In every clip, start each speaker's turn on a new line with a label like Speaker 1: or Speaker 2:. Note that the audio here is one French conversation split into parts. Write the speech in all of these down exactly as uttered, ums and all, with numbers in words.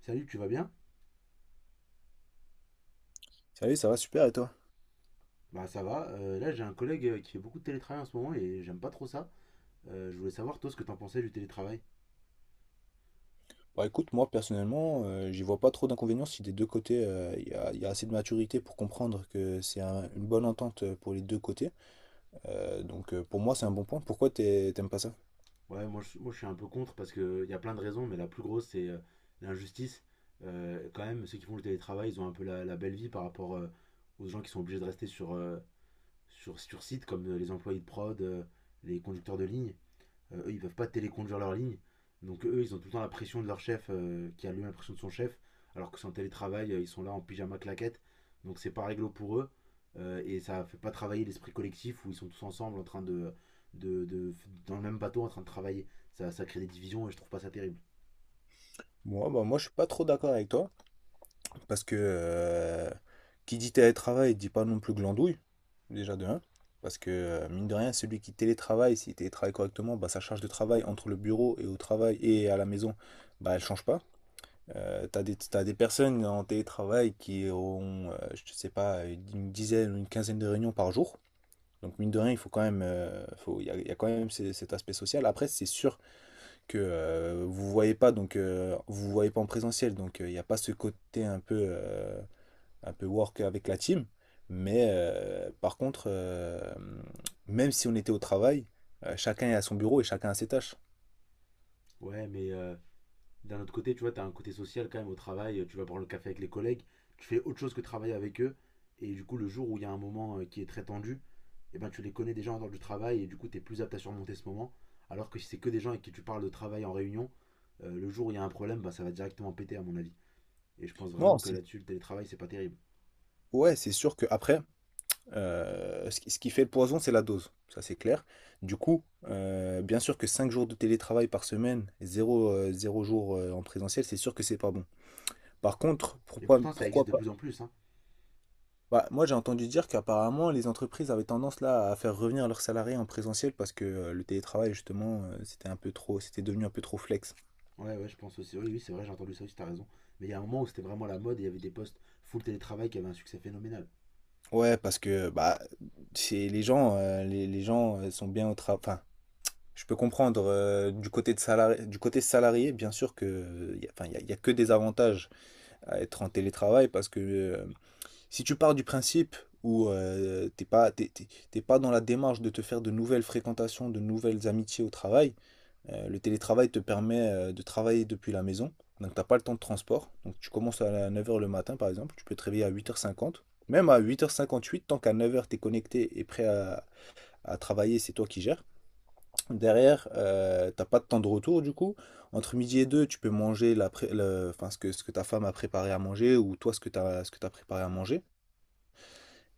Speaker 1: Salut, tu vas bien?
Speaker 2: Salut, ça va super et toi?
Speaker 1: Bah ça va. Euh, là, j'ai un collègue euh, qui fait beaucoup de télétravail en ce moment et j'aime pas trop ça. Euh, je voulais savoir, toi, ce que t'en pensais du télétravail.
Speaker 2: Bah écoute, moi personnellement, euh, j'y vois pas trop d'inconvénients si des deux côtés, euh, il y a, il y a assez de maturité pour comprendre que c'est un- une bonne entente euh, pour les deux côtés. Euh, donc euh, pour moi, c'est un bon point. Pourquoi t'es- t'aimes pas ça?
Speaker 1: Ouais, moi je, moi, je suis un peu contre parce qu'il y a plein de raisons, mais la plus grosse, c'est euh, l'injustice. Euh, quand même, ceux qui font le télétravail, ils ont un peu la, la belle vie par rapport euh, aux gens qui sont obligés de rester sur, euh, sur, sur site, comme euh, les employés de prod, euh, les conducteurs de ligne. Euh, eux, ils peuvent pas téléconduire leur ligne. Donc eux, ils ont tout le temps la pression de leur chef, euh, qui a lui l'impression de son chef, alors que c'est en télétravail, euh, ils sont là en pyjama claquette. Donc c'est pas réglo pour eux. Euh, et ça fait pas travailler l'esprit collectif où ils sont tous ensemble en train de, de, de- dans le même bateau en train de travailler. Ça, ça crée des divisions et je trouve pas ça terrible.
Speaker 2: Moi, bah moi, je suis pas trop d'accord avec toi parce que euh, qui dit télétravail dit pas non plus glandouille, déjà de un. Parce que euh, mine de rien, celui qui télétravaille, s'il télétravaille correctement, bah sa charge de travail entre le bureau et au travail et à la maison, bah elle change pas. Euh, t'as des, t'as des, personnes en télétravail qui ont, euh, je sais pas, une dizaine ou une quinzaine de réunions par jour. Donc mine de rien, il faut quand même, euh, faut, il y a, il y a quand même ces- cet aspect social. Après, c'est sûr que euh, vous voyez pas, donc euh, vous voyez pas en présentiel, donc euh, il n'y a pas ce côté un peu, euh, un peu work avec la team. Mais euh, par contre, euh, même si on était au travail, euh, chacun est à son bureau et chacun a ses tâches.
Speaker 1: Ouais, mais euh, d'un autre côté, tu vois, t'as un côté social quand même au travail. Tu vas prendre le café avec les collègues, tu fais autre chose que travailler avec eux. Et du coup, le jour où il y a un moment euh, qui est très tendu, eh ben, tu les connais déjà en dehors du travail et du coup, tu es plus apte à surmonter ce moment. Alors que si c'est que des gens avec qui tu parles de travail en réunion, euh, le jour où il y a un problème, bah, ça va directement péter, à mon avis. Et je pense
Speaker 2: Non,
Speaker 1: vraiment que
Speaker 2: c'est
Speaker 1: là-dessus, le télétravail, c'est pas terrible.
Speaker 2: ouais, c'est sûr que après. Euh, ce qui ce qui fait le poison, c'est la dose, ça c'est clair. Du coup, euh, bien sûr que cinq jours de télétravail par semaine, zéro jours euh, en présentiel, c'est sûr que c'est pas bon. Par contre,
Speaker 1: Et
Speaker 2: pourquoi,
Speaker 1: pourtant, ça existe
Speaker 2: pourquoi
Speaker 1: de
Speaker 2: pas?
Speaker 1: plus en plus, hein.
Speaker 2: Bah, moi j'ai entendu dire qu'apparemment les entreprises avaient tendance là à faire revenir leurs salariés en présentiel parce que euh, le télétravail justement euh, c'était un peu trop, c'était devenu un peu trop flex.
Speaker 1: Ouais, ouais, je pense aussi. Oui, oui, c'est vrai, j'ai entendu ça aussi, t'as raison. Mais il y a un moment où c'était vraiment la mode et il y avait des postes full télétravail qui avaient un succès phénoménal.
Speaker 2: Ouais, parce que bah c'est les gens, euh, les, les gens euh, sont bien au travail. Je peux comprendre euh, du côté de salari- du côté salarié, bien sûr que euh, y a, enfin, y a- y a que des avantages à être en télétravail parce que euh, si tu pars du principe où euh, t'es pas, t'es, t'es- t'es pas dans la démarche de te faire de nouvelles fréquentations, de nouvelles amitiés au travail. Euh, le télétravail te permet euh, de travailler depuis la maison. Donc t'as pas le temps de transport. Donc tu commences à neuf heures le matin par exemple, tu peux te réveiller à huit heures cinquante. Même à huit heures cinquante-huit, tant qu'à neuf heures t'es connecté et prêt à à travailler, c'est toi qui gères. Derrière, euh, t'as pas de temps de retour du coup. Entre midi et deux, tu peux manger la pré- le- enfin, ce que, ce que ta femme a préparé à manger ou toi ce que t'as, ce que t'as préparé à manger.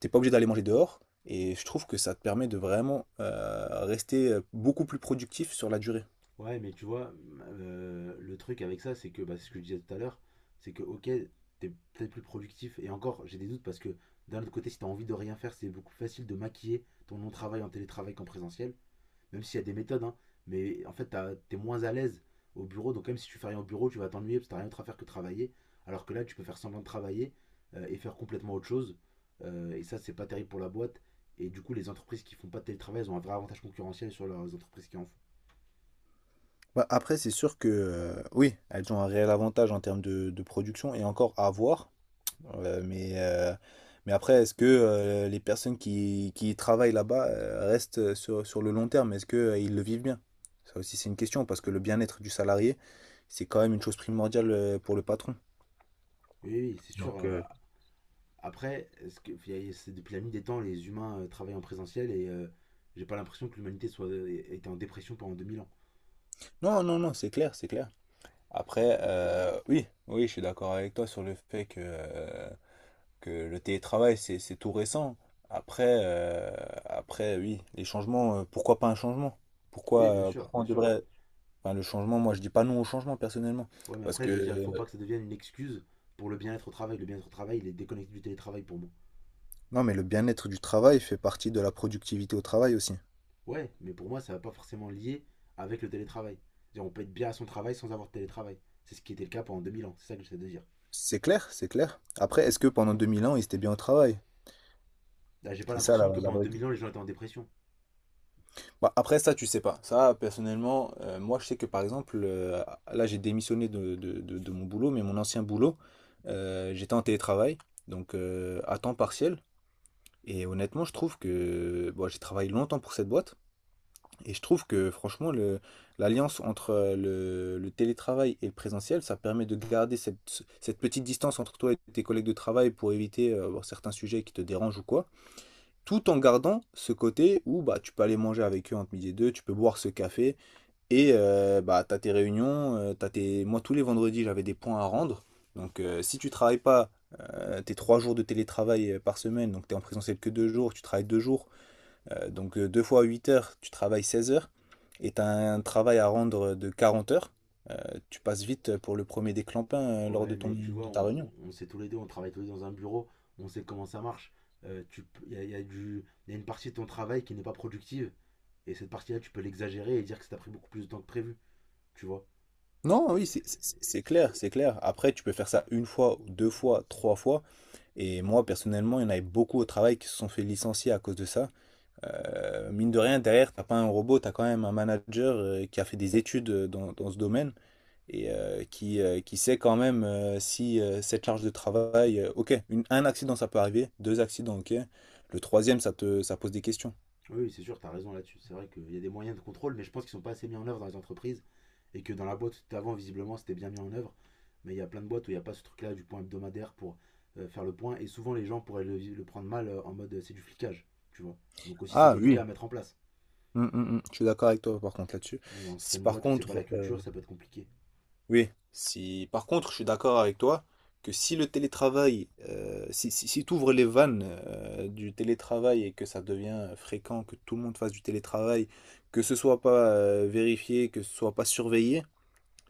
Speaker 2: T'es pas obligé d'aller manger dehors. Et je trouve que ça te permet de vraiment euh, rester euh, beaucoup plus productif sur la durée.
Speaker 1: Ouais, mais tu vois, euh, le truc avec ça, c'est que, bah, c'est ce que je disais tout à l'heure, c'est que, ok, t'es peut-être plus productif, et encore, j'ai des doutes parce que, d'un autre côté, si t'as envie de rien faire, c'est beaucoup plus facile de maquiller ton non-travail en télétravail qu'en présentiel, même s'il y a des méthodes, hein, mais en fait, t'as- t'es moins à l'aise au bureau, donc même si tu fais rien au bureau, tu vas t'ennuyer parce que t'as rien d'autre à faire que travailler, alors que là, tu peux faire semblant de travailler euh, et faire complètement autre chose, euh, et ça, c'est pas terrible pour la boîte, et du coup, les entreprises qui font pas de télétravail, elles ont un vrai avantage concurrentiel sur leurs entreprises qui en font.
Speaker 2: Bah, après, c'est sûr que euh, oui, elles ont un réel avantage en termes de, de production et encore à voir. Euh, mais, euh, mais après, est-ce que euh, les personnes qui, qui y travaillent là-bas euh, restent sur, sur le long terme? Est-ce que, euh, ils le vivent bien? Ça aussi, c'est une question, parce que le bien-être du salarié, c'est quand même une chose primordiale euh, pour le patron.
Speaker 1: Oui, oui, c'est sûr.
Speaker 2: Donc,
Speaker 1: euh,
Speaker 2: euh,
Speaker 1: Après, est-ce que, c'est depuis la nuit des temps, les humains euh, travaillent en présentiel et euh, j'ai pas l'impression que l'humanité soit était en dépression pendant deux mille ans.
Speaker 2: non, non, non, c'est clair, c'est clair.
Speaker 1: Donc,
Speaker 2: Après,
Speaker 1: euh,
Speaker 2: euh, oui, oui, je suis d'accord avec toi sur le fait que, euh, que le télétravail, c'est, c'est tout récent. Après, euh, après, oui, les changements, euh, pourquoi pas un changement?
Speaker 1: oui, bien
Speaker 2: Pourquoi, euh,
Speaker 1: sûr,
Speaker 2: pourquoi on
Speaker 1: bien sûr.
Speaker 2: devrait... Enfin, le changement, moi je dis pas non au changement personnellement.
Speaker 1: Ouais, mais
Speaker 2: Parce
Speaker 1: après,
Speaker 2: que.
Speaker 1: je veux dire, il faut pas
Speaker 2: euh,
Speaker 1: que ça devienne une excuse pour le bien-être au travail. Le bien-être au travail, il est déconnecté du télétravail pour moi.
Speaker 2: Non, mais le bien-être du travail fait partie de la productivité au travail aussi.
Speaker 1: Ouais, mais pour moi, ça va pas forcément lier avec le télétravail. C'est-à-dire, on peut être bien à son travail sans avoir de télétravail. C'est ce qui était le cas pendant deux mille ans, c'est ça que j'essaie de dire.
Speaker 2: C'est clair, c'est clair. Après, est-ce que pendant deux mille ans, ils étaient bien au travail?
Speaker 1: Là, j'ai pas
Speaker 2: C'est ça la,
Speaker 1: l'impression que
Speaker 2: la
Speaker 1: pendant
Speaker 2: vraie
Speaker 1: deux mille
Speaker 2: question.
Speaker 1: ans, les gens étaient en dépression.
Speaker 2: Bah, après, ça, tu sais pas. Ça, personnellement, euh, moi, je sais que par exemple, euh, là, j'ai démissionné de, de- de- de mon boulot, mais mon ancien boulot, euh, j'étais en télétravail, donc euh, à temps partiel. Et honnêtement, je trouve que bon, j'ai travaillé longtemps pour cette boîte. Et je trouve que franchement, le, l'alliance entre euh, le, le télétravail et le présentiel, ça permet de garder cette, cette petite distance entre toi et tes collègues de travail pour éviter euh, bon, certains sujets qui te dérangent ou quoi, tout en gardant ce côté où bah, tu peux aller manger avec eux entre midi et deux, tu peux boire ce café, et euh, bah, tu as tes réunions, euh, t'as tes... moi tous les vendredis j'avais des points à rendre, donc euh, si tu travailles pas euh, tes trois jours de télétravail euh, par semaine, donc tu es en présentiel que deux jours, tu travailles deux jours, euh, donc deux fois huit heures, tu travailles seize heures et tu as un travail à rendre de quarante heures. Euh, Tu passes vite pour le premier déclampin euh, lors de
Speaker 1: Ouais,
Speaker 2: ton,
Speaker 1: mais tu vois,
Speaker 2: de ta
Speaker 1: on,
Speaker 2: réunion.
Speaker 1: on sait tous les deux, on travaille tous les deux dans un bureau, on sait comment ça marche. Euh, tu, peux- il y a, il y a du, il y a une partie de ton travail qui n'est pas productive, et cette partie-là, tu peux l'exagérer et dire que ça t'a pris beaucoup plus de temps que prévu, tu vois.
Speaker 2: Non, oui,
Speaker 1: Et
Speaker 2: c'est c'est- c'est clair, c'est clair. Après, tu peux faire ça une fois, deux fois, trois fois. Et moi, personnellement, il y en avait beaucoup au travail qui se sont fait licencier à cause de ça. Euh, mine de rien, derrière, t'as pas un robot, t'as quand même un manager euh, qui a fait des études euh, dans, dans ce domaine. Et euh, qui, euh, qui sait quand même euh, si euh, cette charge de travail, euh, ok, une- un accident ça peut arriver, deux accidents, ok, le troisième ça te, ça pose des questions.
Speaker 1: oui, oui, c'est sûr, t'as raison là-dessus. C'est vrai qu'il y a des moyens de contrôle, mais je pense qu'ils sont pas assez mis en œuvre dans les entreprises, et que dans la boîte d'avant, visiblement, c'était bien mis en œuvre. Mais il y a plein de boîtes où il n'y a pas ce truc-là du point hebdomadaire pour euh, faire le point, et souvent les gens pourraient le, le prendre mal euh, en mode euh, c'est du flicage, tu vois. Donc aussi, c'est
Speaker 2: Ah
Speaker 1: délicat
Speaker 2: oui.
Speaker 1: à mettre en place.
Speaker 2: Mm, mm, mm. Je suis d'accord avec toi par contre là-dessus.
Speaker 1: Donc, dans
Speaker 2: Si
Speaker 1: certaines
Speaker 2: par
Speaker 1: boîtes où c'est pas
Speaker 2: contre,
Speaker 1: la culture,
Speaker 2: euh,
Speaker 1: ça peut être compliqué.
Speaker 2: Oui, si par contre, je suis d'accord avec toi que si le télétravail, euh, si, si, si tu ouvres les vannes euh, du télétravail et que ça devient euh, fréquent, que tout le monde fasse du télétravail, que ce soit pas euh, vérifié, que ce soit pas surveillé,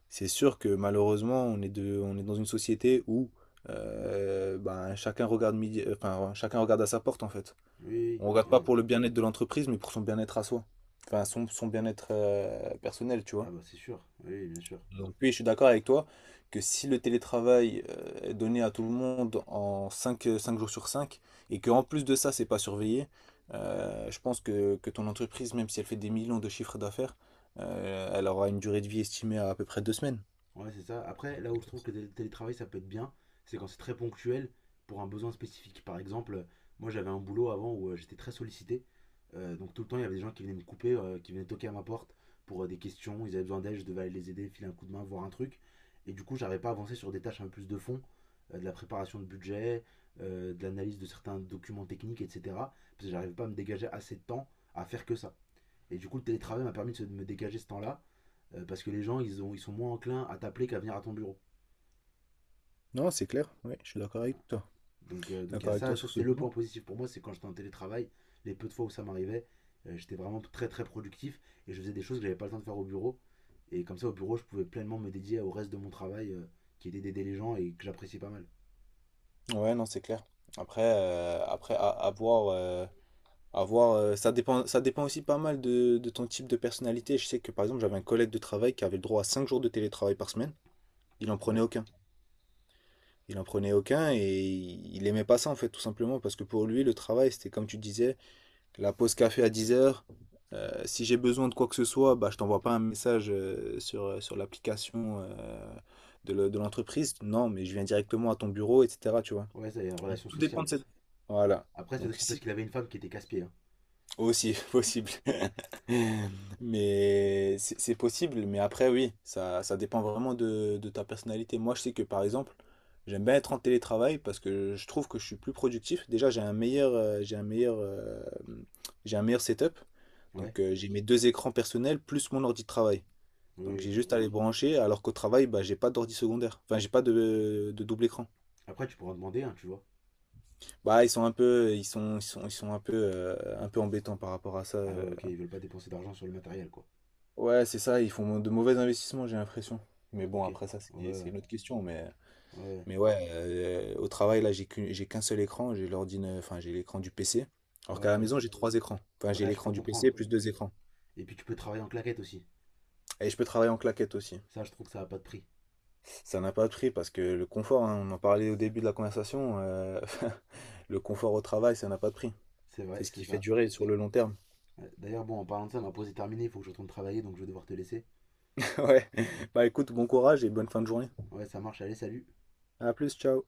Speaker 2: c'est sûr que malheureusement, on est de, on est dans une société où euh, ben, chacun regarde midi- euh, enfin, chacun regarde à sa porte en fait.
Speaker 1: Oui, oui,
Speaker 2: On regarde pas
Speaker 1: oui.
Speaker 2: pour le bien-être de l'entreprise, mais pour son bien-être à soi. Enfin, son, son bien-être euh, personnel, tu
Speaker 1: Ah, ah
Speaker 2: vois.
Speaker 1: bah c'est sûr, oui, bien sûr.
Speaker 2: Donc oui, je suis d'accord avec toi que si le télétravail euh, est donné à tout le monde en cinq jours sur cinq et qu'en plus de ça, c'est pas surveillé, euh, je pense que, que ton entreprise, même si elle fait des millions de chiffres d'affaires, euh, elle aura une durée de vie estimée à à peu près deux semaines.
Speaker 1: Ouais, c'est ça. Après, là où je trouve que le télétravail, ça peut être bien, c'est quand c'est très ponctuel pour un besoin spécifique. Par exemple, moi j'avais un boulot avant où euh, j'étais très sollicité. Euh, donc tout le temps, il y avait des gens qui venaient me couper, euh, qui venaient toquer à ma porte pour euh, des questions. Ils avaient besoin d'aide, je devais aller les aider, filer un coup de main, voir un truc. Et du coup, j'arrivais pas à avancer sur des tâches un peu plus de fond, euh, de la préparation de budget, euh, de l'analyse de certains documents techniques, et cetera. Parce que j'arrivais pas à me dégager assez de temps à faire que ça. Et du coup, le télétravail m'a permis de se- de me dégager ce temps-là euh, parce que les gens, ils, ont, ils sont moins enclins à t'appeler qu'à venir à ton bureau.
Speaker 2: Non, c'est clair, oui, je suis d'accord avec toi.
Speaker 1: Donc, euh, donc il y a
Speaker 2: D'accord avec
Speaker 1: ça,
Speaker 2: toi
Speaker 1: ça
Speaker 2: sur ce
Speaker 1: c'est le point
Speaker 2: point.
Speaker 1: positif pour moi, c'est quand j'étais en télétravail, les peu de fois où ça m'arrivait, euh, j'étais vraiment très très productif et je faisais des choses que j'avais pas le temps de faire au bureau. Et comme ça, au bureau, je pouvais pleinement me dédier au reste de mon travail, euh, qui était d'aider les gens et que j'appréciais pas mal.
Speaker 2: Ouais, non, c'est clair. Après, euh, après à, à voir, euh, à voir, euh, ça dépend, ça dépend aussi pas mal de, de ton type de personnalité. Je sais que par exemple, j'avais un collègue de travail qui avait le droit à cinq jours de télétravail par semaine. Il en prenait
Speaker 1: Ouais,
Speaker 2: aucun. Il en prenait aucun et il aimait pas ça en fait, tout simplement parce que pour lui, le travail, c'était comme tu disais, la pause café à dix heures. Si j'ai besoin de quoi que ce soit, bah, je t'envoie pas un message euh, sur, euh, sur l'application euh, de le- de l'entreprise. Non, mais je viens directement à ton bureau, et cetera. Tu vois.
Speaker 1: ouais, ça, y a une
Speaker 2: Donc,
Speaker 1: relation
Speaker 2: tout dépend
Speaker 1: sociale.
Speaker 2: de cette... Voilà.
Speaker 1: Après, c'est
Speaker 2: Donc
Speaker 1: aussi parce
Speaker 2: si
Speaker 1: qu'il avait une femme qui était casse-pied, hein.
Speaker 2: Aussi possible. Mais c'est c'est possible, mais après, oui, ça, ça dépend vraiment de, de ta personnalité. Moi, je sais que par exemple, j'aime bien être en télétravail parce que je trouve que je suis plus productif. Déjà, j'ai un meilleur, euh, j'ai un meilleur, euh, j'ai un meilleur setup.
Speaker 1: Ouais,
Speaker 2: Donc, euh, j'ai mes deux écrans personnels plus mon ordi de travail.
Speaker 1: oui,
Speaker 2: Donc, j'ai
Speaker 1: oui.
Speaker 2: juste à les brancher, alors qu'au travail, bah, j'ai pas d'ordi secondaire. Enfin, j'ai pas de, de double écran.
Speaker 1: Après, tu pourras en demander, hein, tu vois.
Speaker 2: Bah, ils sont un peu, ils sont, ils sont, ils sont un peu, euh, un peu embêtants par rapport à ça.
Speaker 1: Ah
Speaker 2: euh,
Speaker 1: ouais, ok, ils veulent pas dépenser d'argent sur le matériel, quoi.
Speaker 2: Ouais, c'est ça, ils font de mauvais investissements, j'ai l'impression. Mais bon,
Speaker 1: Ok, ouais,
Speaker 2: après ça, c'est c'est
Speaker 1: ouais,
Speaker 2: une autre question. Mais,
Speaker 1: ouais.
Speaker 2: mais ouais, euh, au travail, là, j'ai qu'une- j'ai qu'un seul écran, j'ai l'ordinateur, enfin, j'ai l'écran du P C. Alors qu'à la
Speaker 1: Ouais.
Speaker 2: maison, j'ai trois écrans. Enfin, j'ai
Speaker 1: Ouais, je peux
Speaker 2: l'écran du P C
Speaker 1: comprendre.
Speaker 2: plus deux écrans.
Speaker 1: Et puis tu peux travailler en claquette aussi.
Speaker 2: Et je peux travailler en claquette aussi.
Speaker 1: Ça, je trouve que ça n'a pas de prix.
Speaker 2: Ça n'a pas de prix parce que le confort, hein, on en parlait au début de la conversation, euh, le confort au travail, ça n'a pas de prix.
Speaker 1: C'est
Speaker 2: C'est
Speaker 1: vrai,
Speaker 2: ce qui
Speaker 1: c'est
Speaker 2: fait
Speaker 1: ça.
Speaker 2: durer sur le long terme.
Speaker 1: Ouais. D'ailleurs, bon, en parlant de ça, ma pause est terminée, il faut que je retourne travailler, donc je vais devoir te laisser.
Speaker 2: Ouais. Bah écoute, bon courage et bonne fin de journée.
Speaker 1: Ouais, ça marche, allez, salut.
Speaker 2: À plus, ciao.